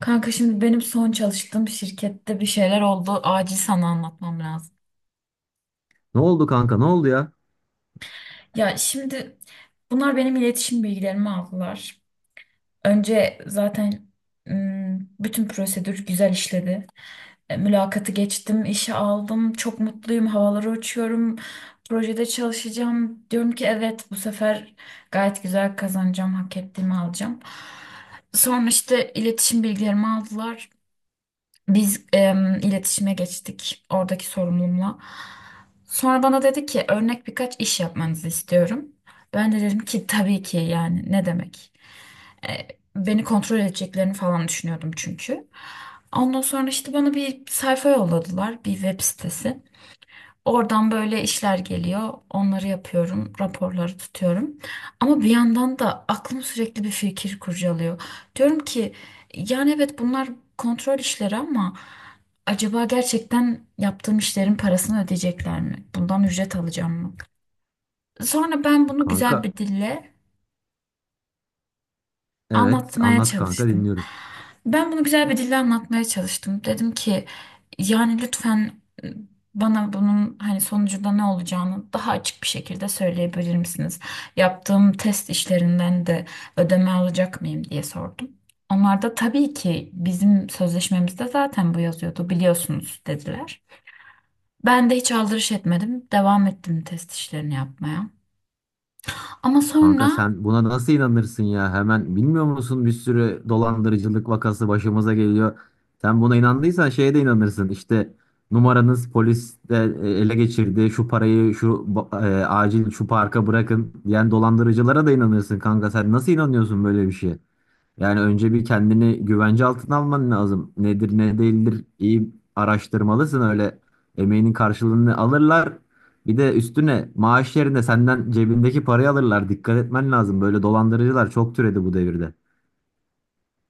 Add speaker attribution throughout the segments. Speaker 1: Kanka şimdi benim son çalıştığım şirkette bir şeyler oldu. Acil sana anlatmam lazım.
Speaker 2: Ne oldu kanka? Ne oldu ya?
Speaker 1: Ya şimdi bunlar benim iletişim bilgilerimi aldılar. Önce zaten bütün prosedür güzel işledi. E, Mülakatı geçtim, işe aldım. Çok mutluyum, havalara uçuyorum. Projede çalışacağım. Diyorum ki evet bu sefer gayet güzel kazanacağım, hak ettiğimi alacağım. Sonra işte iletişim bilgilerimi aldılar. Biz iletişime geçtik oradaki sorumlumla. Sonra bana dedi ki örnek birkaç iş yapmanızı istiyorum. Ben de dedim ki tabii ki yani ne demek. E, Beni kontrol edeceklerini falan düşünüyordum çünkü. Ondan sonra işte bana bir sayfa yolladılar, bir web sitesi. Oradan böyle işler geliyor. Onları yapıyorum, raporları tutuyorum. Ama bir yandan da aklım sürekli bir fikir kurcalıyor. Diyorum ki yani evet bunlar kontrol işleri ama acaba gerçekten yaptığım işlerin parasını ödeyecekler mi? Bundan ücret alacağım mı? Sonra ben bunu güzel
Speaker 2: Kanka
Speaker 1: bir dille
Speaker 2: evet
Speaker 1: anlatmaya
Speaker 2: anlat kanka
Speaker 1: çalıştım.
Speaker 2: dinliyorum.
Speaker 1: Ben bunu güzel bir dille anlatmaya çalıştım. Dedim ki yani lütfen bana bunun hani sonucunda ne olacağını daha açık bir şekilde söyleyebilir misiniz? Yaptığım test işlerinden de ödeme alacak mıyım diye sordum. Onlar da tabii ki bizim sözleşmemizde zaten bu yazıyordu biliyorsunuz dediler. Ben de hiç aldırış etmedim. Devam ettim test işlerini yapmaya. Ama
Speaker 2: Kanka
Speaker 1: sonra
Speaker 2: sen buna nasıl inanırsın ya? Hemen bilmiyor musun bir sürü dolandırıcılık vakası başımıza geliyor. Sen buna inandıysan şeye de inanırsın. İşte numaranız polis de ele geçirdi. Şu parayı acil şu parka bırakın diyen dolandırıcılara da inanırsın kanka. Sen nasıl inanıyorsun böyle bir şeye? Yani önce bir kendini güvence altına alman lazım. Nedir ne değildir iyi araştırmalısın öyle emeğinin karşılığını alırlar. Bir de üstüne maaş yerine senden cebindeki parayı alırlar. Dikkat etmen lazım. Böyle dolandırıcılar çok türedi bu devirde.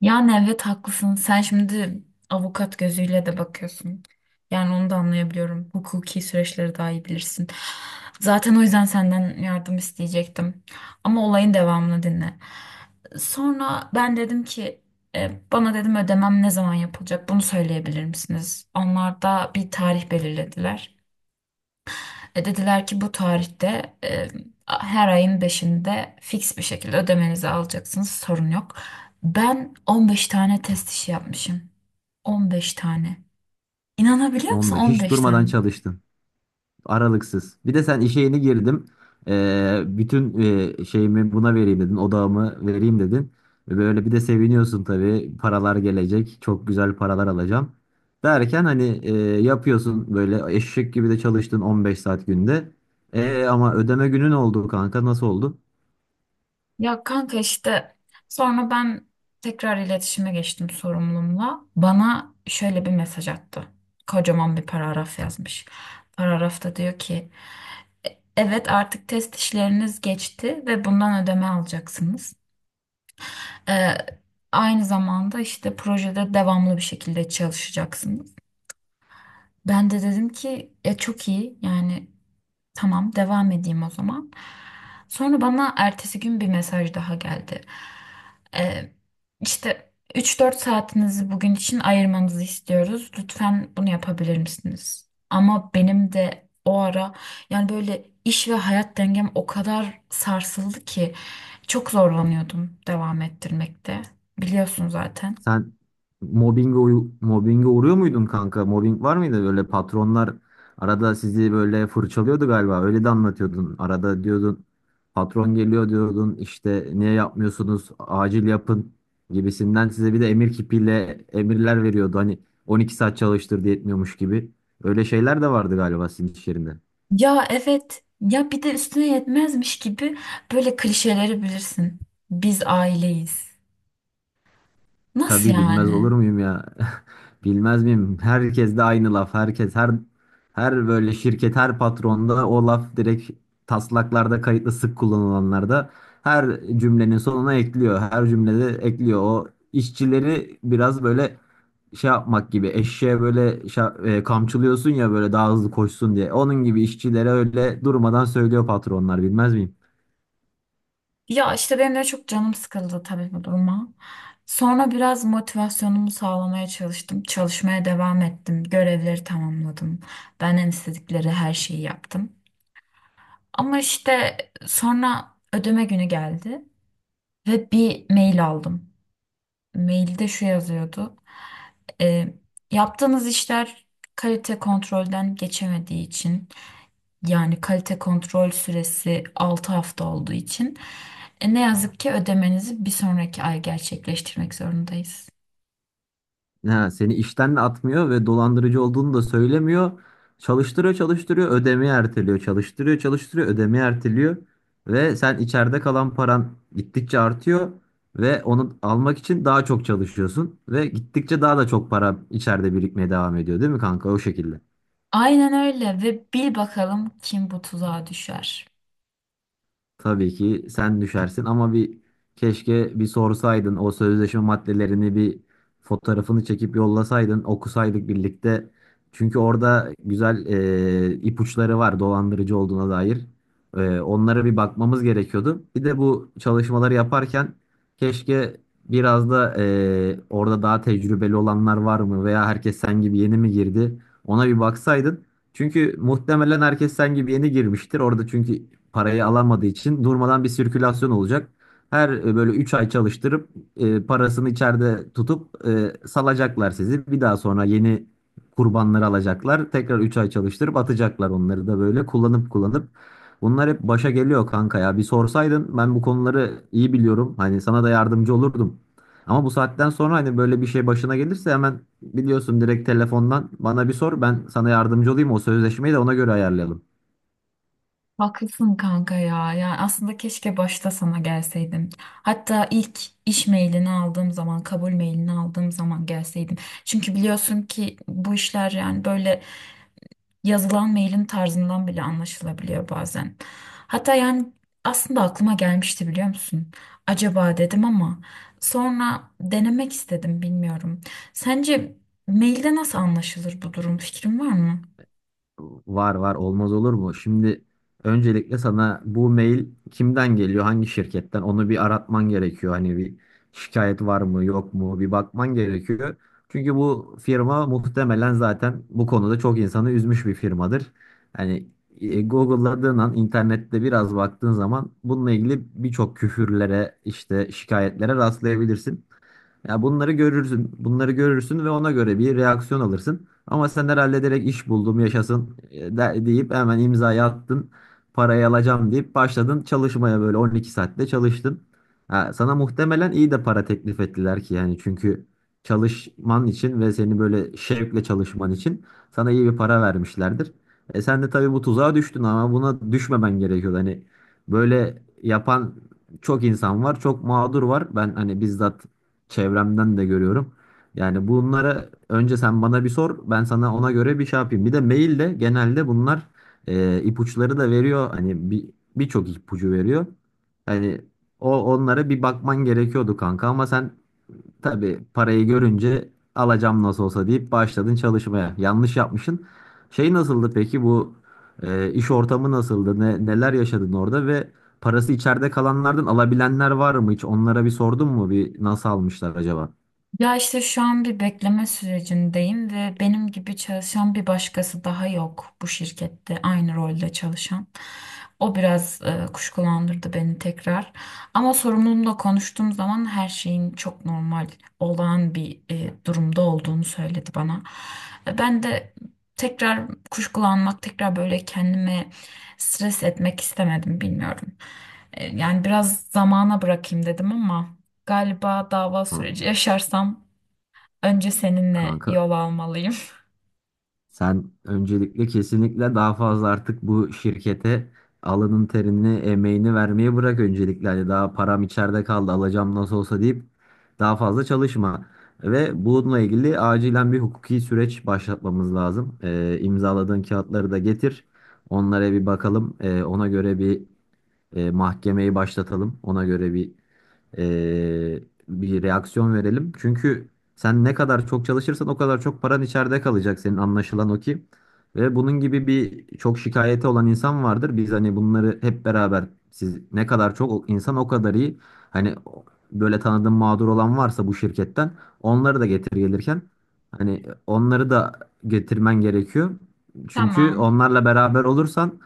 Speaker 1: yani evet haklısın. Sen şimdi avukat gözüyle de bakıyorsun. Yani onu da anlayabiliyorum. Hukuki süreçleri daha iyi bilirsin. Zaten o yüzden senden yardım isteyecektim. Ama olayın devamını dinle. Sonra ben dedim ki bana dedim ödemem ne zaman yapılacak bunu söyleyebilir misiniz? Onlar da bir tarih belirlediler. Dediler ki bu tarihte her ayın 5'inde fix bir şekilde ödemenizi alacaksınız sorun yok. Ben 15 tane test işi yapmışım. 15 tane. İnanabiliyor musun
Speaker 2: 15 hiç
Speaker 1: 15
Speaker 2: durmadan
Speaker 1: tane?
Speaker 2: çalıştın. Aralıksız. Bir de sen işe yeni girdim. Bütün şeyimi buna vereyim dedin. Odağımı vereyim dedin. Ve böyle bir de seviniyorsun tabii. Paralar gelecek. Çok güzel paralar alacağım. Derken yapıyorsun böyle eşek gibi de çalıştın 15 saat günde. Ama ödeme günün oldu kanka. Nasıl oldu?
Speaker 1: Ya kanka işte sonra ben tekrar iletişime geçtim sorumlumla. Bana şöyle bir mesaj attı. Kocaman bir paragraf yazmış. Paragrafta diyor ki evet artık test işleriniz geçti ve bundan ödeme alacaksınız. Ee, Aynı zamanda işte projede devamlı bir şekilde çalışacaksınız. Ben de dedim ki ya çok iyi yani. Tamam, devam edeyim o zaman. Sonra bana ertesi gün bir mesaj daha geldi. Ee, işte 3-4 saatinizi bugün için ayırmanızı istiyoruz. Lütfen bunu yapabilir misiniz? Ama benim de o ara yani böyle iş ve hayat dengem o kadar sarsıldı ki çok zorlanıyordum devam ettirmekte. Biliyorsun zaten.
Speaker 2: Sen mobbinge uğruyor muydun kanka? Mobbing var mıydı? Böyle patronlar arada sizi böyle fırçalıyordu galiba. Öyle de anlatıyordun. Arada diyordun patron geliyor diyordun. İşte niye yapmıyorsunuz? Acil yapın gibisinden size bir de emir kipiyle emirler veriyordu. Hani 12 saat çalıştır diye etmiyormuş gibi. Öyle şeyler de vardı galiba sizin iş yerinde.
Speaker 1: Ya evet ya bir de üstüne yetmezmiş gibi böyle klişeleri bilirsin. Biz aileyiz. Nasıl
Speaker 2: Tabii bilmez
Speaker 1: yani?
Speaker 2: olur muyum ya? Bilmez miyim? Herkes de aynı laf. Herkes her böyle şirket her patronda o laf direkt taslaklarda kayıtlı sık kullanılanlarda her cümlenin sonuna ekliyor. Her cümlede ekliyor. O işçileri biraz böyle şey yapmak gibi eşeğe böyle kamçılıyorsun ya böyle daha hızlı koşsun diye. Onun gibi işçilere öyle durmadan söylüyor patronlar bilmez miyim?
Speaker 1: Ya işte benim de çok canım sıkıldı tabii bu duruma. Sonra biraz motivasyonumu sağlamaya çalıştım. Çalışmaya devam ettim. Görevleri tamamladım. Benden istedikleri her şeyi yaptım. Ama işte sonra ödeme günü geldi ve bir mail aldım. Mailde şu yazıyordu. E, Yaptığınız işler kalite kontrolden geçemediği için, yani kalite kontrol süresi 6 hafta olduğu için ne yazık ki ödemenizi bir sonraki ay gerçekleştirmek zorundayız.
Speaker 2: Ha, seni işten de atmıyor ve dolandırıcı olduğunu da söylemiyor. Çalıştırıyor, çalıştırıyor, ödemeyi erteliyor. Çalıştırıyor, çalıştırıyor, ödemeyi erteliyor. Ve sen içeride kalan paran gittikçe artıyor ve onu almak için daha çok çalışıyorsun ve gittikçe daha da çok para içeride birikmeye devam ediyor, değil mi kanka? O şekilde.
Speaker 1: Aynen öyle ve bil bakalım kim bu tuzağa düşer.
Speaker 2: Tabii ki sen düşersin ama keşke bir sorsaydın o sözleşme maddelerini bir fotoğrafını çekip yollasaydın okusaydık birlikte. Çünkü orada güzel ipuçları var dolandırıcı olduğuna dair. Onlara bir bakmamız gerekiyordu. Bir de bu çalışmaları yaparken keşke biraz da orada daha tecrübeli olanlar var mı veya herkes sen gibi yeni mi girdi ona bir baksaydın. Çünkü muhtemelen herkes sen gibi yeni girmiştir. Orada çünkü parayı alamadığı için durmadan bir sirkülasyon olacak. Böyle 3 ay çalıştırıp parasını içeride tutup salacaklar sizi. Bir daha sonra yeni kurbanları alacaklar. Tekrar 3 ay çalıştırıp atacaklar onları da böyle kullanıp kullanıp. Bunlar hep başa geliyor kanka ya. Bir sorsaydın ben bu konuları iyi biliyorum. Hani sana da yardımcı olurdum. Ama bu saatten sonra hani böyle bir şey başına gelirse hemen biliyorsun direkt telefondan bana bir sor ben sana yardımcı olayım o sözleşmeyi de ona göre ayarlayalım.
Speaker 1: Haklısın kanka ya. Yani aslında keşke başta sana gelseydim. Hatta ilk iş mailini aldığım zaman, kabul mailini aldığım zaman gelseydim. Çünkü biliyorsun ki bu işler yani böyle yazılan mailin tarzından bile anlaşılabiliyor bazen. Hatta yani aslında aklıma gelmişti biliyor musun? Acaba dedim ama sonra denemek istedim bilmiyorum. Sence mailde nasıl anlaşılır bu durum? Fikrin var mı?
Speaker 2: Var var olmaz olur mu? Şimdi öncelikle sana bu mail kimden geliyor, hangi şirketten onu bir aratman gerekiyor. Hani bir şikayet var mı yok mu bir bakman gerekiyor. Çünkü bu firma muhtemelen zaten bu konuda çok insanı üzmüş bir firmadır. Hani Google'ladığın an internette biraz baktığın zaman bununla ilgili birçok küfürlere işte şikayetlere rastlayabilirsin. Ya bunları görürsün, bunları görürsün ve ona göre bir reaksiyon alırsın. Ama sen herhalde direkt iş buldum yaşasın deyip hemen imzayı attın. Parayı alacağım deyip başladın çalışmaya böyle 12 saatte çalıştın. Ha, sana muhtemelen iyi de para teklif ettiler ki yani çünkü çalışman için ve seni böyle şevkle çalışman için sana iyi bir para vermişlerdir. E sen de tabii bu tuzağa düştün ama buna düşmemen gerekiyordu. Hani böyle yapan çok insan var, çok mağdur var. Ben hani bizzat çevremden de görüyorum. Yani bunlara önce sen bana bir sor, ben sana ona göre bir şey yapayım. Bir de mail genelde bunlar ipuçları da veriyor. Hani birçok ipucu veriyor. Hani onlara bir bakman gerekiyordu kanka ama sen tabii parayı görünce alacağım nasıl olsa deyip başladın çalışmaya. Yanlış yapmışsın. Şey nasıldı peki bu iş ortamı nasıldı? Neler yaşadın orada ve parası içeride kalanlardan alabilenler var mı hiç? Onlara bir sordun mu? Bir nasıl almışlar acaba?
Speaker 1: Ya işte şu an bir bekleme sürecindeyim ve benim gibi çalışan bir başkası daha yok bu şirkette aynı rolde çalışan. O biraz kuşkulandırdı beni tekrar. Ama sorumlumla konuştuğum zaman her şeyin çok normal, olağan bir durumda olduğunu söyledi bana. Ben de tekrar kuşkulanmak, tekrar böyle kendime stres etmek istemedim, bilmiyorum. Yani biraz zamana bırakayım dedim ama. Galiba dava
Speaker 2: Ha,
Speaker 1: süreci yaşarsam önce seninle
Speaker 2: kanka,
Speaker 1: yol almalıyım.
Speaker 2: sen öncelikle kesinlikle daha fazla artık bu şirkete alının terini, emeğini vermeyi bırak öncelikle. Hani daha param içeride kaldı, alacağım nasıl olsa deyip daha fazla çalışma. Ve bununla ilgili acilen bir hukuki süreç başlatmamız lazım. İmzaladığın kağıtları da getir. Onlara bir bakalım. Ona göre bir mahkemeyi başlatalım. Ona göre bir reaksiyon verelim. Çünkü sen ne kadar çok çalışırsan o kadar çok paran içeride kalacak senin anlaşılan o ki. Ve bunun gibi bir çok şikayeti olan insan vardır. Biz hani bunları hep beraber siz ne kadar çok insan o kadar iyi. Hani o- Böyle tanıdığım mağdur olan varsa bu şirketten onları da getir gelirken hani onları da getirmen gerekiyor. Çünkü
Speaker 1: Tamam.
Speaker 2: onlarla beraber olursan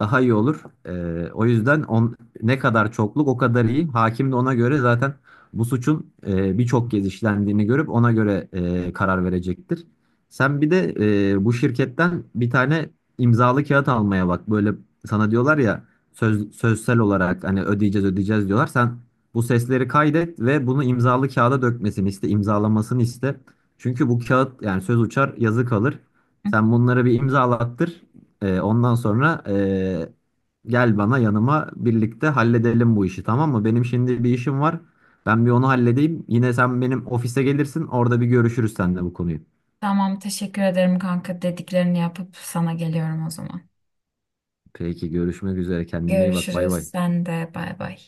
Speaker 2: daha iyi olur. Ne kadar çokluk o kadar iyi. Hakim de ona göre zaten bu suçun birçok kez işlendiğini görüp ona göre karar verecektir. Sen bir de bu şirketten bir tane imzalı kağıt almaya bak. Böyle sana diyorlar ya sözsel olarak hani ödeyeceğiz ödeyeceğiz diyorlar. Sen bu sesleri kaydet ve bunu imzalı kağıda dökmesini iste, imzalamasını iste. Çünkü bu kağıt yani söz uçar yazı kalır. Sen bunları bir imzalattır. Ondan sonra gel bana yanıma birlikte halledelim bu işi tamam mı? Benim şimdi bir işim var. Ben bir onu halledeyim. Yine sen benim ofise gelirsin. Orada bir görüşürüz seninle bu konuyu.
Speaker 1: Tamam, teşekkür ederim kanka. Dediklerini yapıp sana geliyorum o zaman.
Speaker 2: Peki görüşmek üzere. Kendine iyi bak. Bay
Speaker 1: Görüşürüz.
Speaker 2: bay.
Speaker 1: Sen de bay bay.